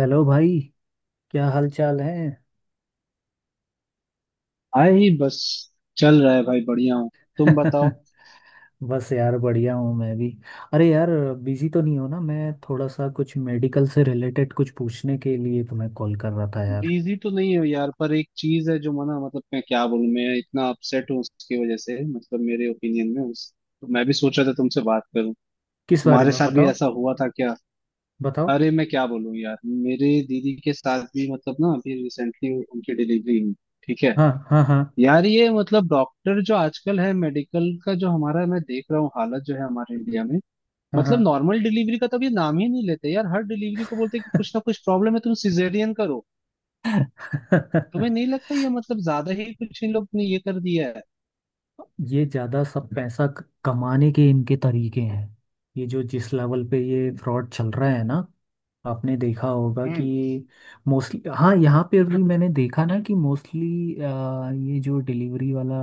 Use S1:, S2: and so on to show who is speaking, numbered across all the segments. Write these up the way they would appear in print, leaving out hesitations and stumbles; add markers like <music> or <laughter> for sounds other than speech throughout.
S1: Hello भाई। क्या हाल चाल है?
S2: आई बस चल रहा है भाई, बढ़िया हूँ। तुम बताओ।
S1: <laughs> बस यार, बढ़िया हूँ मैं भी। अरे यार, बिजी तो नहीं हो ना? मैं थोड़ा सा कुछ मेडिकल से रिलेटेड कुछ पूछने के लिए तुम्हें कॉल कर रहा था यार।
S2: बिजी तो नहीं हो यार, पर एक चीज है जो मना मतलब मैं क्या बोलूं, मैं इतना अपसेट हूँ उसकी वजह से। मतलब मेरे ओपिनियन में उस तो मैं भी सोच रहा था तुमसे बात करूं।
S1: किस बारे
S2: तुम्हारे
S1: में
S2: साथ भी
S1: बताओ?
S2: ऐसा हुआ था क्या?
S1: बताओ।
S2: अरे मैं क्या बोलूं यार, मेरे दीदी के साथ भी मतलब ना अभी रिसेंटली उनकी डिलीवरी हुई। ठीक है।
S1: हाँ, हाँ, हाँ,
S2: यार ये मतलब डॉक्टर जो आजकल है, मेडिकल का जो हमारा, मैं देख रहा हूँ हालत जो है हमारे इंडिया में।
S1: हाँ,
S2: मतलब नॉर्मल डिलीवरी का तब ये नाम ही नहीं लेते यार। हर डिलीवरी को बोलते हैं कि कुछ ना कुछ प्रॉब्लम है, तुम सिजेरियन करो।
S1: हाँ।
S2: तुम्हें
S1: <laughs>
S2: नहीं लगता ये मतलब ज्यादा ही कुछ इन लोग ने ये कर दिया है?
S1: ये ज़्यादा सब पैसा कमाने के इनके तरीके हैं। ये जो जिस लेवल पे ये फ्रॉड चल रहा है ना, आपने देखा होगा कि।
S2: हम्म।
S1: मोस्टली हाँ, यहाँ पे भी मैंने देखा ना कि मोस्टली ये जो डिलीवरी वाला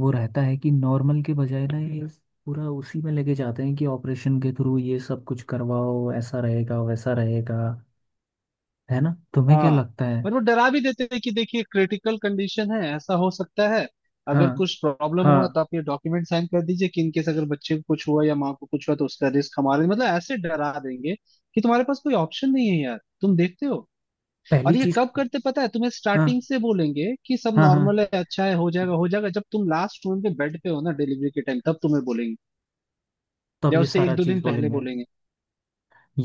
S1: वो रहता है कि नॉर्मल के बजाय ना ये पूरा उसी में लेके जाते हैं कि ऑपरेशन के थ्रू ये सब कुछ करवाओ, ऐसा रहेगा वैसा रहेगा। है ना? तुम्हें क्या
S2: हाँ।
S1: लगता है?
S2: और वो डरा भी देते थे कि देखिए क्रिटिकल कंडीशन है, ऐसा हो सकता है।
S1: हाँ,
S2: अगर कुछ प्रॉब्लम हुआ
S1: हाँ।
S2: तो आप ये डॉक्यूमेंट साइन कर दीजिए कि इनकेस अगर बच्चे को कुछ हुआ या माँ को कुछ हुआ तो उसका रिस्क हमारे, मतलब ऐसे डरा देंगे कि तुम्हारे पास कोई ऑप्शन नहीं है यार, तुम देखते हो।
S1: पहली
S2: और ये
S1: चीज।
S2: कब करते पता है तुम्हें?
S1: हाँ,
S2: स्टार्टिंग से बोलेंगे कि सब
S1: हाँ, हाँ।
S2: नॉर्मल है, अच्छा है, हो जाएगा हो जाएगा। जब तुम लास्ट रूम पे बेड पे हो ना डिलीवरी के टाइम, तब तुम्हें बोलेंगे,
S1: तब
S2: या
S1: ये
S2: उससे एक
S1: सारा
S2: दो
S1: चीज
S2: दिन पहले
S1: बोलेंगे।
S2: बोलेंगे।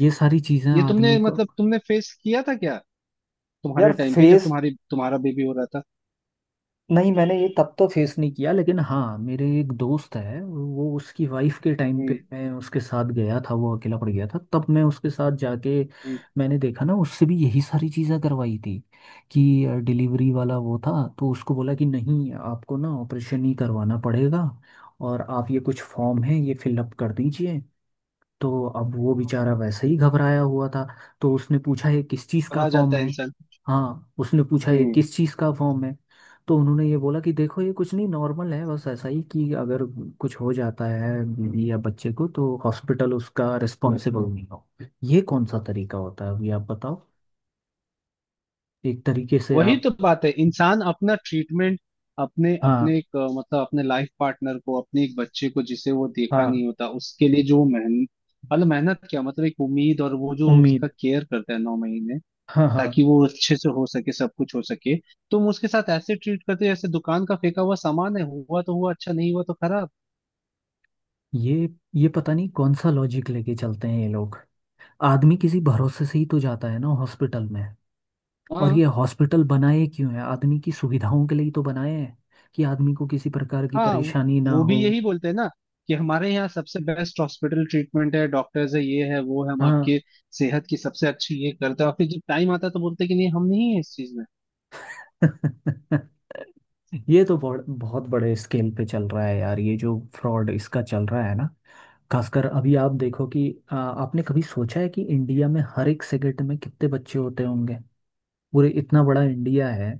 S1: ये सारी चीजें
S2: ये
S1: आदमी
S2: तुमने
S1: को।
S2: मतलब तुमने फेस किया था क्या?
S1: यार
S2: तुम्हारे टाइम पे जब
S1: फेस?
S2: तुम्हारी तुम्हारा बेबी हो रहा था।
S1: नहीं, मैंने ये तब तो फेस नहीं किया, लेकिन हाँ मेरे एक दोस्त है, वो उसकी वाइफ के टाइम पे
S2: हम्म।
S1: मैं उसके साथ गया था। वो अकेला पड़ गया था तब मैं उसके साथ जाके
S2: हम्म।
S1: मैंने देखा ना, उससे भी यही सारी चीजें करवाई थी। कि डिलीवरी वाला वो था, तो उसको बोला कि नहीं, आपको ना ऑपरेशन ही करवाना पड़ेगा, और आप ये कुछ फॉर्म है, ये फिलअप कर दीजिए। तो अब वो
S2: हम्म।
S1: बेचारा वैसे ही घबराया हुआ था, तो उसने पूछा ये किस चीज़
S2: और
S1: का
S2: आ
S1: फॉर्म
S2: जाता है
S1: है?
S2: इंसान।
S1: हाँ, उसने पूछा ये किस चीज़ का फॉर्म है। तो उन्होंने ये बोला कि देखो, ये कुछ नहीं नॉर्मल है, बस ऐसा ही कि अगर कुछ हो जाता है बीवी या बच्चे को, तो हॉस्पिटल उसका रिस्पॉन्सिबल नहीं हो। ये कौन सा तरीका होता है, अभी आप बताओ। एक तरीके से
S2: वही
S1: आप।
S2: तो बात है, इंसान अपना ट्रीटमेंट, अपने
S1: हाँ,
S2: अपने एक मतलब अपने लाइफ पार्टनर को, अपने एक बच्चे को जिसे वो देखा
S1: हाँ।
S2: नहीं होता, उसके लिए जो मेहनत, मतलब मेहनत क्या, मतलब एक उम्मीद। और वो जो उसका
S1: उम्मीद।
S2: केयर करता है 9 महीने,
S1: हाँ, हाँ।
S2: ताकि वो अच्छे से हो सके, सब कुछ हो सके। तुम उसके साथ ऐसे ट्रीट करते हो जैसे दुकान का फेंका हुआ सामान है, हुआ तो हुआ, अच्छा नहीं हुआ तो खराब।
S1: ये ये पता नहीं कौन सा लॉजिक लेके चलते हैं ये लोग। आदमी किसी भरोसे से ही तो जाता है ना हॉस्पिटल में। और
S2: हाँ
S1: ये हॉस्पिटल बनाए क्यों है? आदमी की सुविधाओं के लिए तो बनाए हैं, कि आदमी को किसी प्रकार की
S2: हाँ।
S1: परेशानी ना
S2: वो भी
S1: हो।
S2: यही बोलते हैं ना, कि हमारे यहाँ सबसे बेस्ट हॉस्पिटल ट्रीटमेंट है, डॉक्टर्स है, ये है वो है, हम
S1: हाँ।
S2: आपके सेहत की सबसे अच्छी ये करते हैं, और फिर जब टाइम आता है तो बोलते हैं कि नहीं हम नहीं है इस चीज में।
S1: <laughs> ये तो बहुत बहुत बड़े स्केल पे चल रहा है यार, ये जो फ्रॉड इसका चल रहा है ना। खासकर अभी आप देखो कि आपने कभी सोचा है कि इंडिया में हर एक सेकंड में कितने बच्चे होते होंगे? पूरे इतना बड़ा इंडिया है।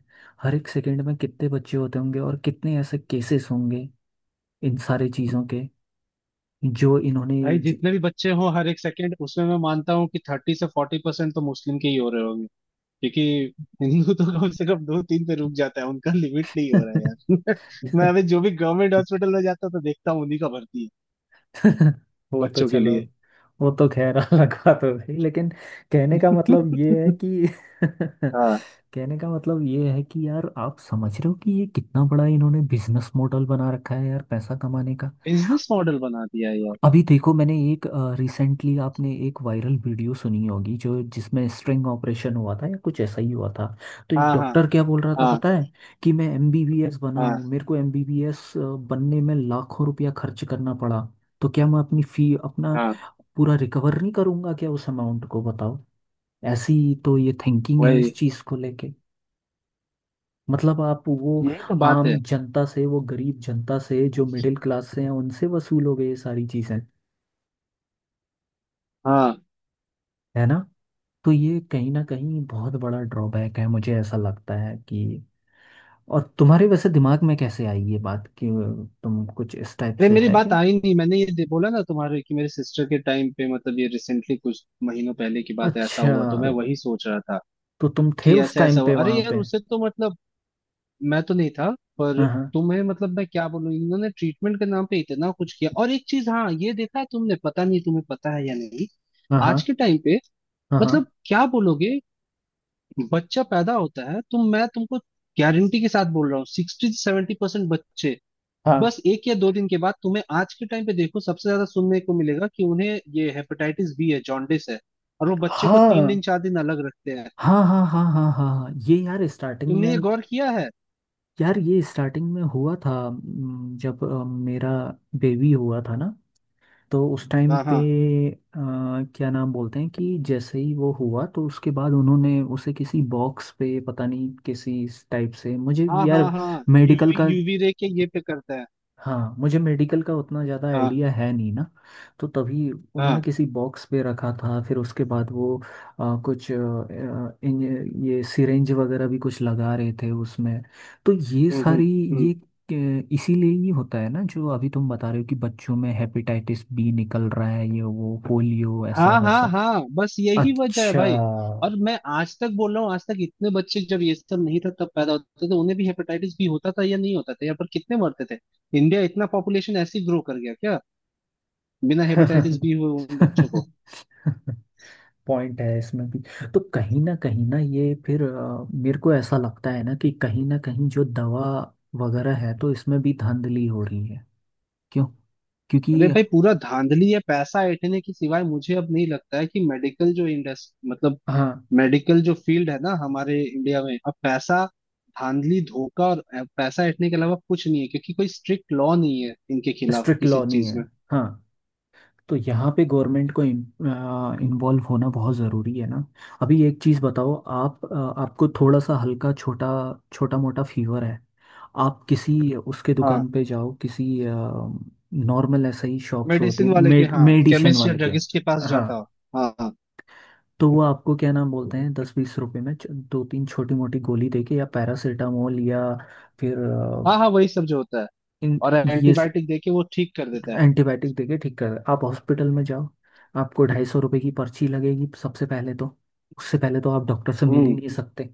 S1: हर एक सेकंड में कितने बच्चे होते होंगे, और कितने ऐसे केसेस होंगे इन सारे चीज़ों के, जो इन्होंने
S2: भाई जितने भी बच्चे हो हर एक सेकंड, उसमें मैं मानता हूँ कि 30% से 40% तो मुस्लिम के ही हो रहे होंगे। क्योंकि हिंदू तो कम से कम दो तीन पे रुक जाता है, उनका लिमिट नहीं हो रहा है यार। <laughs> मैं अभी
S1: <laughs>
S2: जो भी गवर्नमेंट हॉस्पिटल में जाता हूँ तो देखता हूँ उन्हीं का भर्ती है
S1: <laughs> वो तो
S2: बच्चों के
S1: चलो।
S2: लिए।
S1: वो तो खैर <laughs> अलग बात हो गई, लेकिन कहने का मतलब ये है
S2: <laughs>
S1: कि। <laughs>
S2: हाँ।
S1: कहने का मतलब ये है कि यार, आप समझ रहे हो कि ये कितना बड़ा इन्होंने बिजनेस मॉडल बना रखा है यार, पैसा कमाने का।
S2: बिजनेस मॉडल बना दिया है यार।
S1: अभी देखो, मैंने एक रिसेंटली आपने एक वायरल वीडियो सुनी होगी जो जिसमें स्ट्रिंग ऑपरेशन हुआ था या कुछ ऐसा ही हुआ था। तो एक
S2: हाँ हाँ
S1: डॉक्टर क्या बोल रहा था
S2: हाँ।
S1: पता है? कि मैं एमबीबीएस बना हूँ,
S2: हाँ
S1: मेरे को एमबीबीएस बनने में लाखों रुपया खर्च करना पड़ा। तो क्या मैं अपनी फी अपना
S2: हाँ
S1: पूरा रिकवर नहीं करूँगा क्या उस अमाउंट को? बताओ। ऐसी। तो ये थिंकिंग है इस
S2: वही।
S1: चीज़ को लेके। मतलब आप वो
S2: यही तो बात
S1: आम
S2: है।
S1: जनता से, वो गरीब जनता से जो मिडिल क्लास से हैं, उनसे वसूलोगे ये सारी चीज़ें,
S2: हाँ।
S1: है ना? तो ये कहीं ना कहीं बहुत बड़ा ड्रॉबैक है, मुझे ऐसा लगता है कि। और तुम्हारे वैसे दिमाग में कैसे आई ये बात कि तुम कुछ इस टाइप
S2: अरे
S1: से
S2: मेरी
S1: है
S2: बात
S1: क्या?
S2: आई नहीं, मैंने ये बोला ना तुम्हारे कि मेरे सिस्टर के टाइम पे, मतलब ये रिसेंटली कुछ महीनों पहले की बात है, ऐसा
S1: अच्छा,
S2: हुआ तो मैं वही सोच रहा था
S1: तो तुम थे
S2: कि
S1: उस
S2: ऐसा
S1: टाइम
S2: ऐसा हुआ।
S1: पे
S2: अरे
S1: वहां
S2: यार
S1: पे?
S2: उससे तो मतलब मैं तो नहीं था, पर
S1: हाँ,
S2: तुम्हें मतलब मैं क्या बोलूं, इन्होंने ट्रीटमेंट के नाम पे इतना कुछ किया। और एक चीज हाँ ये देखा है तुमने, पता नहीं तुम्हें पता है या नहीं।
S1: हाँ, हाँ,
S2: आज के टाइम पे मतलब
S1: हाँ,
S2: क्या बोलोगे, बच्चा पैदा होता है तो मैं तुमको गारंटी के साथ बोल रहा हूँ, 60% से 70% बच्चे
S1: हाँ,
S2: बस एक या दो दिन के बाद, तुम्हें आज के टाइम पे देखो सबसे ज्यादा सुनने को मिलेगा कि उन्हें ये हेपेटाइटिस बी है, जॉन्डिस है। और वो बच्चे
S1: हाँ,
S2: को तीन
S1: हाँ,
S2: दिन चार दिन अलग रखते हैं।
S1: हाँ, हाँ, हाँ, हाँ, हाँ, हाँ। हाँ, ये यार स्टार्टिंग
S2: तुमने
S1: में।
S2: ये गौर किया है?
S1: यार ये स्टार्टिंग में हुआ था, जब मेरा बेबी हुआ था ना, तो उस टाइम
S2: हाँ
S1: पे
S2: हाँ
S1: अ, क्या नाम बोलते हैं, कि जैसे ही वो हुआ, तो उसके बाद उन्होंने उसे किसी बॉक्स पे पता नहीं किसी इस टाइप से मुझे
S2: हाँ हाँ
S1: यार।
S2: हाँ,
S1: मेडिकल
S2: यूवी
S1: का।
S2: यूवी रे के ये पे करता है।
S1: हाँ, मुझे मेडिकल का उतना ज़्यादा
S2: हाँ
S1: आइडिया है नहीं ना, तो तभी उन्होंने
S2: हाँ।
S1: किसी बॉक्स पे रखा था, फिर उसके बाद वो कुछ आ, आ, इन, ये सिरेंज वगैरह भी कुछ लगा रहे थे उसमें, तो ये सारी।
S2: हम्म। हम्म।
S1: ये इसीलिए ही होता है ना, जो अभी तुम बता रहे हो कि बच्चों में हेपेटाइटिस बी निकल रहा है, ये वो पोलियो, ऐसा
S2: हाँ हाँ
S1: वैसा।
S2: हाँ, बस यही वजह है
S1: अच्छा।
S2: भाई। और मैं आज तक बोल रहा हूँ, आज तक इतने बच्चे जब ये सब नहीं था तब पैदा होते थे, उन्हें भी हेपेटाइटिस बी होता था या नहीं होता था, या पर कितने मरते थे? इंडिया इतना पॉपुलेशन ऐसे ग्रो कर गया क्या बिना हेपेटाइटिस बी हुए उन बच्चों को?
S1: <laughs> <laughs> पॉइंट है इसमें भी। तो कहीं ना ये फिर मेरे को ऐसा लगता है ना कि कहीं ना कहीं जो दवा वगैरह है, तो इसमें भी धांधली हो रही है। क्यों? क्योंकि
S2: अरे भाई पूरा धांधली है, पैसा ऐंठने के सिवाय मुझे अब नहीं लगता है कि मेडिकल जो इंडस्ट्री, मतलब
S1: हाँ।
S2: मेडिकल जो फील्ड है ना हमारे इंडिया में, अब पैसा, धांधली, धोखा और पैसा ऐंठने के अलावा कुछ नहीं है। क्योंकि कोई स्ट्रिक्ट लॉ नहीं है इनके खिलाफ
S1: स्ट्रिक्ट
S2: किसी
S1: लॉ नहीं
S2: चीज
S1: है।
S2: में।
S1: हाँ। तो यहाँ पे गवर्नमेंट को इन्वॉल्व होना बहुत ज़रूरी है ना। अभी एक चीज़ बताओ, आप, आपको थोड़ा सा हल्का छोटा छोटा मोटा फीवर है। आप किसी उसके
S2: हाँ।
S1: दुकान पे जाओ, किसी नॉर्मल ऐसे ही शॉप्स होती हैं
S2: मेडिसिन वाले के हाँ,
S1: मेडिशन
S2: केमिस्ट या
S1: वाले के।
S2: ड्रगिस्ट के पास
S1: हाँ।
S2: जाता हो। हाँ हाँ।
S1: तो वो आपको क्या नाम बोलते हैं, 10-20 रुपए में दो तीन छोटी मोटी गोली देके, या पैरासीटामोल, या फिर
S2: हाँ हाँ वही सब जो होता है।
S1: इन
S2: और
S1: ये स-
S2: एंटीबायोटिक दे के वो ठीक कर देता है।
S1: एंटीबायोटिक देके ठीक कर। आप हॉस्पिटल में जाओ, आपको 250 रुपये की पर्ची लगेगी सबसे पहले तो। उससे पहले तो आप डॉक्टर से मिल ही
S2: हम्म
S1: नहीं सकते।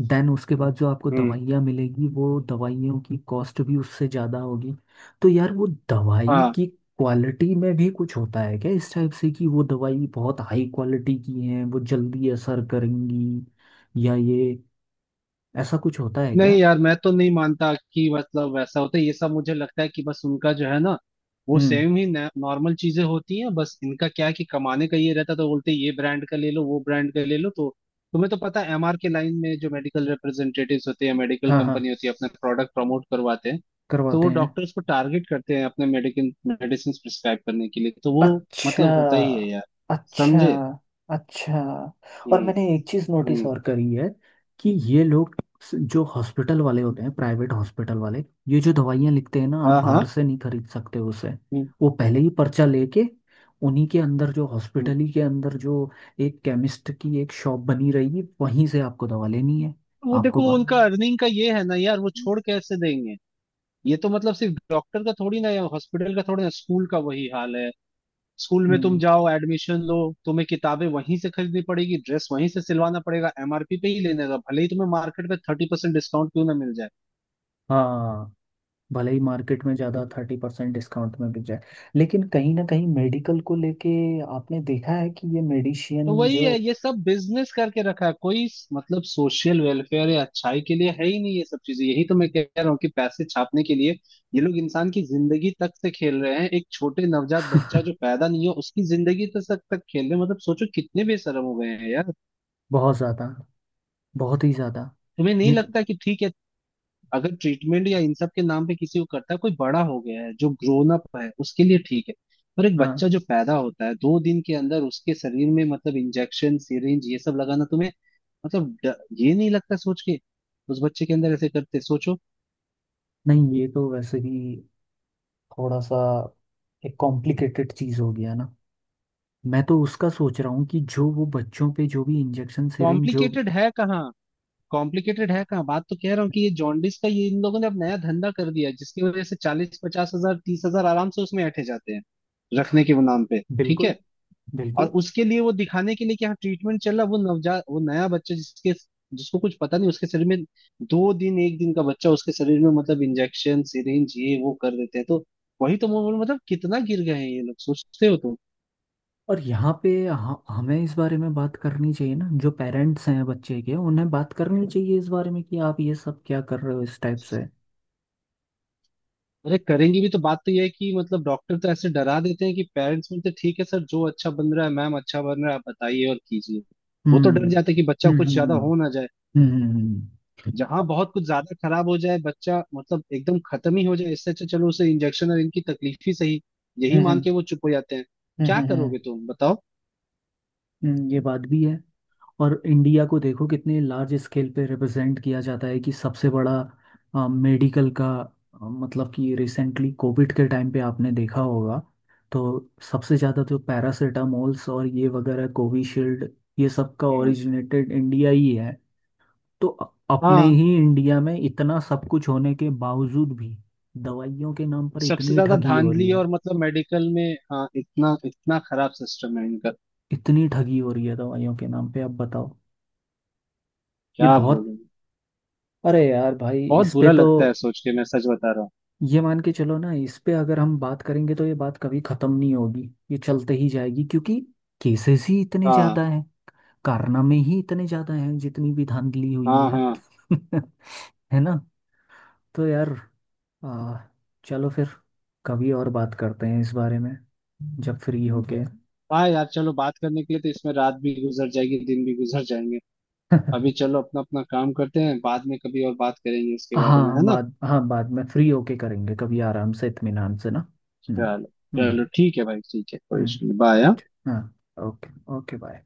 S1: देन उसके बाद जो आपको
S2: हम्म।
S1: दवाइयाँ मिलेगी, वो दवाइयों की कॉस्ट भी उससे ज़्यादा होगी। तो यार, वो दवाई
S2: हाँ।
S1: की क्वालिटी में भी कुछ होता है क्या, इस टाइप से कि वो दवाई बहुत हाई क्वालिटी की है, वो जल्दी असर करेंगी, या ये। ऐसा कुछ होता है
S2: नहीं
S1: क्या?
S2: यार, मैं तो नहीं मानता कि मतलब वैसा होता है। ये सब मुझे लगता है कि बस उनका जो है ना, वो
S1: हम्म।
S2: सेम ही नॉर्मल चीजें होती हैं। बस इनका क्या है कि कमाने का ये रहता है तो बोलते हैं ये ब्रांड का ले लो, वो ब्रांड का ले लो। तो तुम्हें तो पता है, एमआर के लाइन में जो मेडिकल रिप्रेजेंटेटिव्स होते हैं, मेडिकल
S1: हाँ, हाँ,
S2: कंपनी होती है, अपना प्रोडक्ट प्रमोट करवाते हैं। तो
S1: करवाते
S2: वो
S1: हैं।
S2: डॉक्टर्स को टारगेट करते हैं अपने मेडिकल मेडिसिन प्रिस्क्राइब करने के लिए, तो वो
S1: अच्छा।
S2: मतलब होता ही है यार।
S1: अच्छा।
S2: समझे।
S1: अच्छा। और
S2: हम्म।
S1: मैंने एक चीज नोटिस
S2: हम्म।
S1: और करी है। कि ये लोग जो हॉस्पिटल वाले होते हैं, प्राइवेट हॉस्पिटल वाले, ये जो दवाइयाँ लिखते हैं ना, आप
S2: हाँ हाँ।
S1: बाहर से नहीं खरीद सकते उसे।
S2: हम्म
S1: वो पहले ही पर्चा लेके उन्हीं के अंदर, जो
S2: हम्म।
S1: हॉस्पिटल ही के अंदर जो एक केमिस्ट की एक शॉप बनी रहेगी, वहीं से आपको दवा लेनी है।
S2: वो
S1: आपको
S2: देखो
S1: बा
S2: उनका अर्निंग का ये है ना यार, वो छोड़ कैसे देंगे। ये तो मतलब सिर्फ डॉक्टर का थोड़ी ना या हॉस्पिटल का थोड़ी ना, स्कूल का वही हाल है। स्कूल में तुम
S1: हम्म।
S2: जाओ, एडमिशन लो, तुम्हें किताबें वहीं से खरीदनी पड़ेगी, ड्रेस वहीं से सिलवाना पड़ेगा, एमआरपी पे ही लेने का, भले ही तुम्हें मार्केट में 30% डिस्काउंट क्यों ना मिल जाए।
S1: हाँ। भले ही मार्केट में ज़्यादा 30% डिस्काउंट में बिक जाए। लेकिन कहीं ना कहीं मेडिकल को लेके आपने देखा है कि ये
S2: तो
S1: मेडिशियन
S2: वही
S1: जो।
S2: है, ये सब बिजनेस करके रखा है, कोई मतलब सोशल वेलफेयर या अच्छाई के लिए है ही नहीं ये सब चीजें। यही तो मैं कह रहा हूँ कि पैसे छापने के लिए ये लोग इंसान की जिंदगी तक से खेल रहे हैं, एक छोटे नवजात बच्चा जो
S1: <laughs>
S2: पैदा नहीं हुआ उसकी जिंदगी तक तक खेल रहे हैं। मतलब सोचो कितने बेशरम हो गए हैं यार।
S1: बहुत ज़्यादा, बहुत ही ज़्यादा।
S2: तुम्हें नहीं
S1: ये तो।
S2: लगता कि ठीक है, अगर ट्रीटमेंट या इन सब के नाम पे किसी को करता है, कोई बड़ा हो गया है जो ग्रोन अप है उसके लिए ठीक है। पर एक
S1: हाँ।
S2: बच्चा जो पैदा होता है, 2 दिन के अंदर उसके शरीर में मतलब इंजेक्शन सिरिंज ये सब लगाना, तुम्हें मतलब ये नहीं लगता सोच के, उस बच्चे के अंदर ऐसे करते सोचो?
S1: नहीं, ये तो वैसे भी थोड़ा सा एक कॉम्प्लिकेटेड चीज़ हो गया ना। मैं तो उसका सोच रहा हूँ कि जो वो बच्चों पे जो भी इंजेक्शन सिरिंज जो।
S2: कॉम्प्लिकेटेड है कहाँ? कॉम्प्लिकेटेड है कहाँ, बात तो कह रहा हूँ कि ये जॉन्डिस का ये इन लोगों ने अब नया धंधा कर दिया है, जिसकी वजह से 40-50 हजार, 30 हजार आराम से उसमें ऐंठे जाते हैं रखने के नाम पे। ठीक है।
S1: बिल्कुल,
S2: और
S1: बिल्कुल।
S2: उसके लिए वो दिखाने के लिए कि हाँ ट्रीटमेंट चल रहा, वो नवजात, वो नया बच्चा जिसके, जिसको कुछ पता नहीं, उसके शरीर में, दो दिन, एक दिन का बच्चा उसके शरीर में, मतलब इंजेक्शन सिरिंज ये वो कर देते हैं। तो वही तो मैं मतलब कितना गिर गए हैं ये लोग, सोचते हो तुम?
S1: और यहाँ पे हमें इस बारे में बात करनी चाहिए ना, जो पेरेंट्स हैं बच्चे के, उन्हें बात करनी चाहिए इस बारे में, कि आप ये सब क्या कर रहे हो इस टाइप से?
S2: अरे करेंगे भी तो, बात तो ये है कि मतलब डॉक्टर तो ऐसे डरा देते हैं कि पेरेंट्स बोलते हैं, ठीक है सर जो अच्छा बन रहा है, मैम अच्छा बन रहा है आप बताइए और कीजिए। वो तो
S1: हम्म,
S2: डर जाते हैं कि बच्चा
S1: हम्म,
S2: कुछ ज्यादा
S1: हम्म,
S2: हो ना जाए,
S1: हम्म, हम्म,
S2: जहां बहुत कुछ ज्यादा खराब हो जाए बच्चा, मतलब एकदम खत्म ही हो जाए, इससे अच्छा चलो उसे इंजेक्शन और इनकी तकलीफ ही सही,
S1: हम्म,
S2: यही
S1: हम्म, हम्म,
S2: मान के वो चुप हो जाते हैं।
S1: हम्म,
S2: क्या
S1: हम्म, हम्म, हम्म, हम्म, हम्म, हम्म, हम्म, हम्म, हम्म,
S2: करोगे,
S1: हम्म,
S2: तुम बताओ।
S1: हम्म। ये बात भी है। और इंडिया को देखो, कितने लार्ज स्केल पे रिप्रेजेंट किया जाता है कि सबसे बड़ा मेडिकल का। मतलब कि रिसेंटली कोविड के टाइम पे आपने देखा होगा। तो सबसे ज़्यादा तो पैरासिटामोल्स और ये वगैरह कोविशील्ड, ये सब का
S2: हम्म।
S1: ओरिजिनेटेड इंडिया ही है। तो अपने
S2: हाँ
S1: ही इंडिया में इतना सब कुछ होने के बावजूद भी दवाइयों के नाम पर
S2: सबसे
S1: इतनी
S2: ज्यादा
S1: ठगी हो रही
S2: धांधली
S1: है।
S2: और मतलब मेडिकल में, हाँ इतना इतना खराब सिस्टम है इनका।
S1: इतनी ठगी हो रही है दवाइयों के नाम पे, आप बताओ। ये
S2: क्या
S1: बहुत।
S2: बोलूं,
S1: अरे यार भाई,
S2: बहुत
S1: इस पे
S2: बुरा
S1: तो।
S2: लगता है सोच के, मैं सच बता रहा हूँ।
S1: ये मान के चलो ना, इस पे अगर हम बात करेंगे तो ये बात कभी खत्म नहीं होगी। ये चलते ही जाएगी, क्योंकि केसेस ही इतने
S2: हाँ
S1: ज्यादा हैं, कारनामे ही इतने ज्यादा हैं, जितनी भी धांधली हुई
S2: हाँ
S1: है।
S2: हाँ।
S1: <laughs> है ना। तो यार, आ, चलो फिर कभी और बात करते हैं इस बारे में, जब फ्री होके।
S2: हाँ यार चलो, बात करने के लिए तो इसमें रात भी गुजर जाएगी, दिन भी गुजर जाएंगे। अभी
S1: <laughs>
S2: चलो अपना अपना काम करते हैं, बाद में कभी और बात करेंगे इसके बारे में, है ना।
S1: हाँ, बाद में फ्री होके करेंगे कभी आराम से, इत्मीनान से ना। हम्म।
S2: चलो।
S1: हम्म।
S2: चलो ठीक है भाई, ठीक है, कोई
S1: हम्म,
S2: इशू नहीं, बाय।
S1: हाँ। ओके। Okay, bye.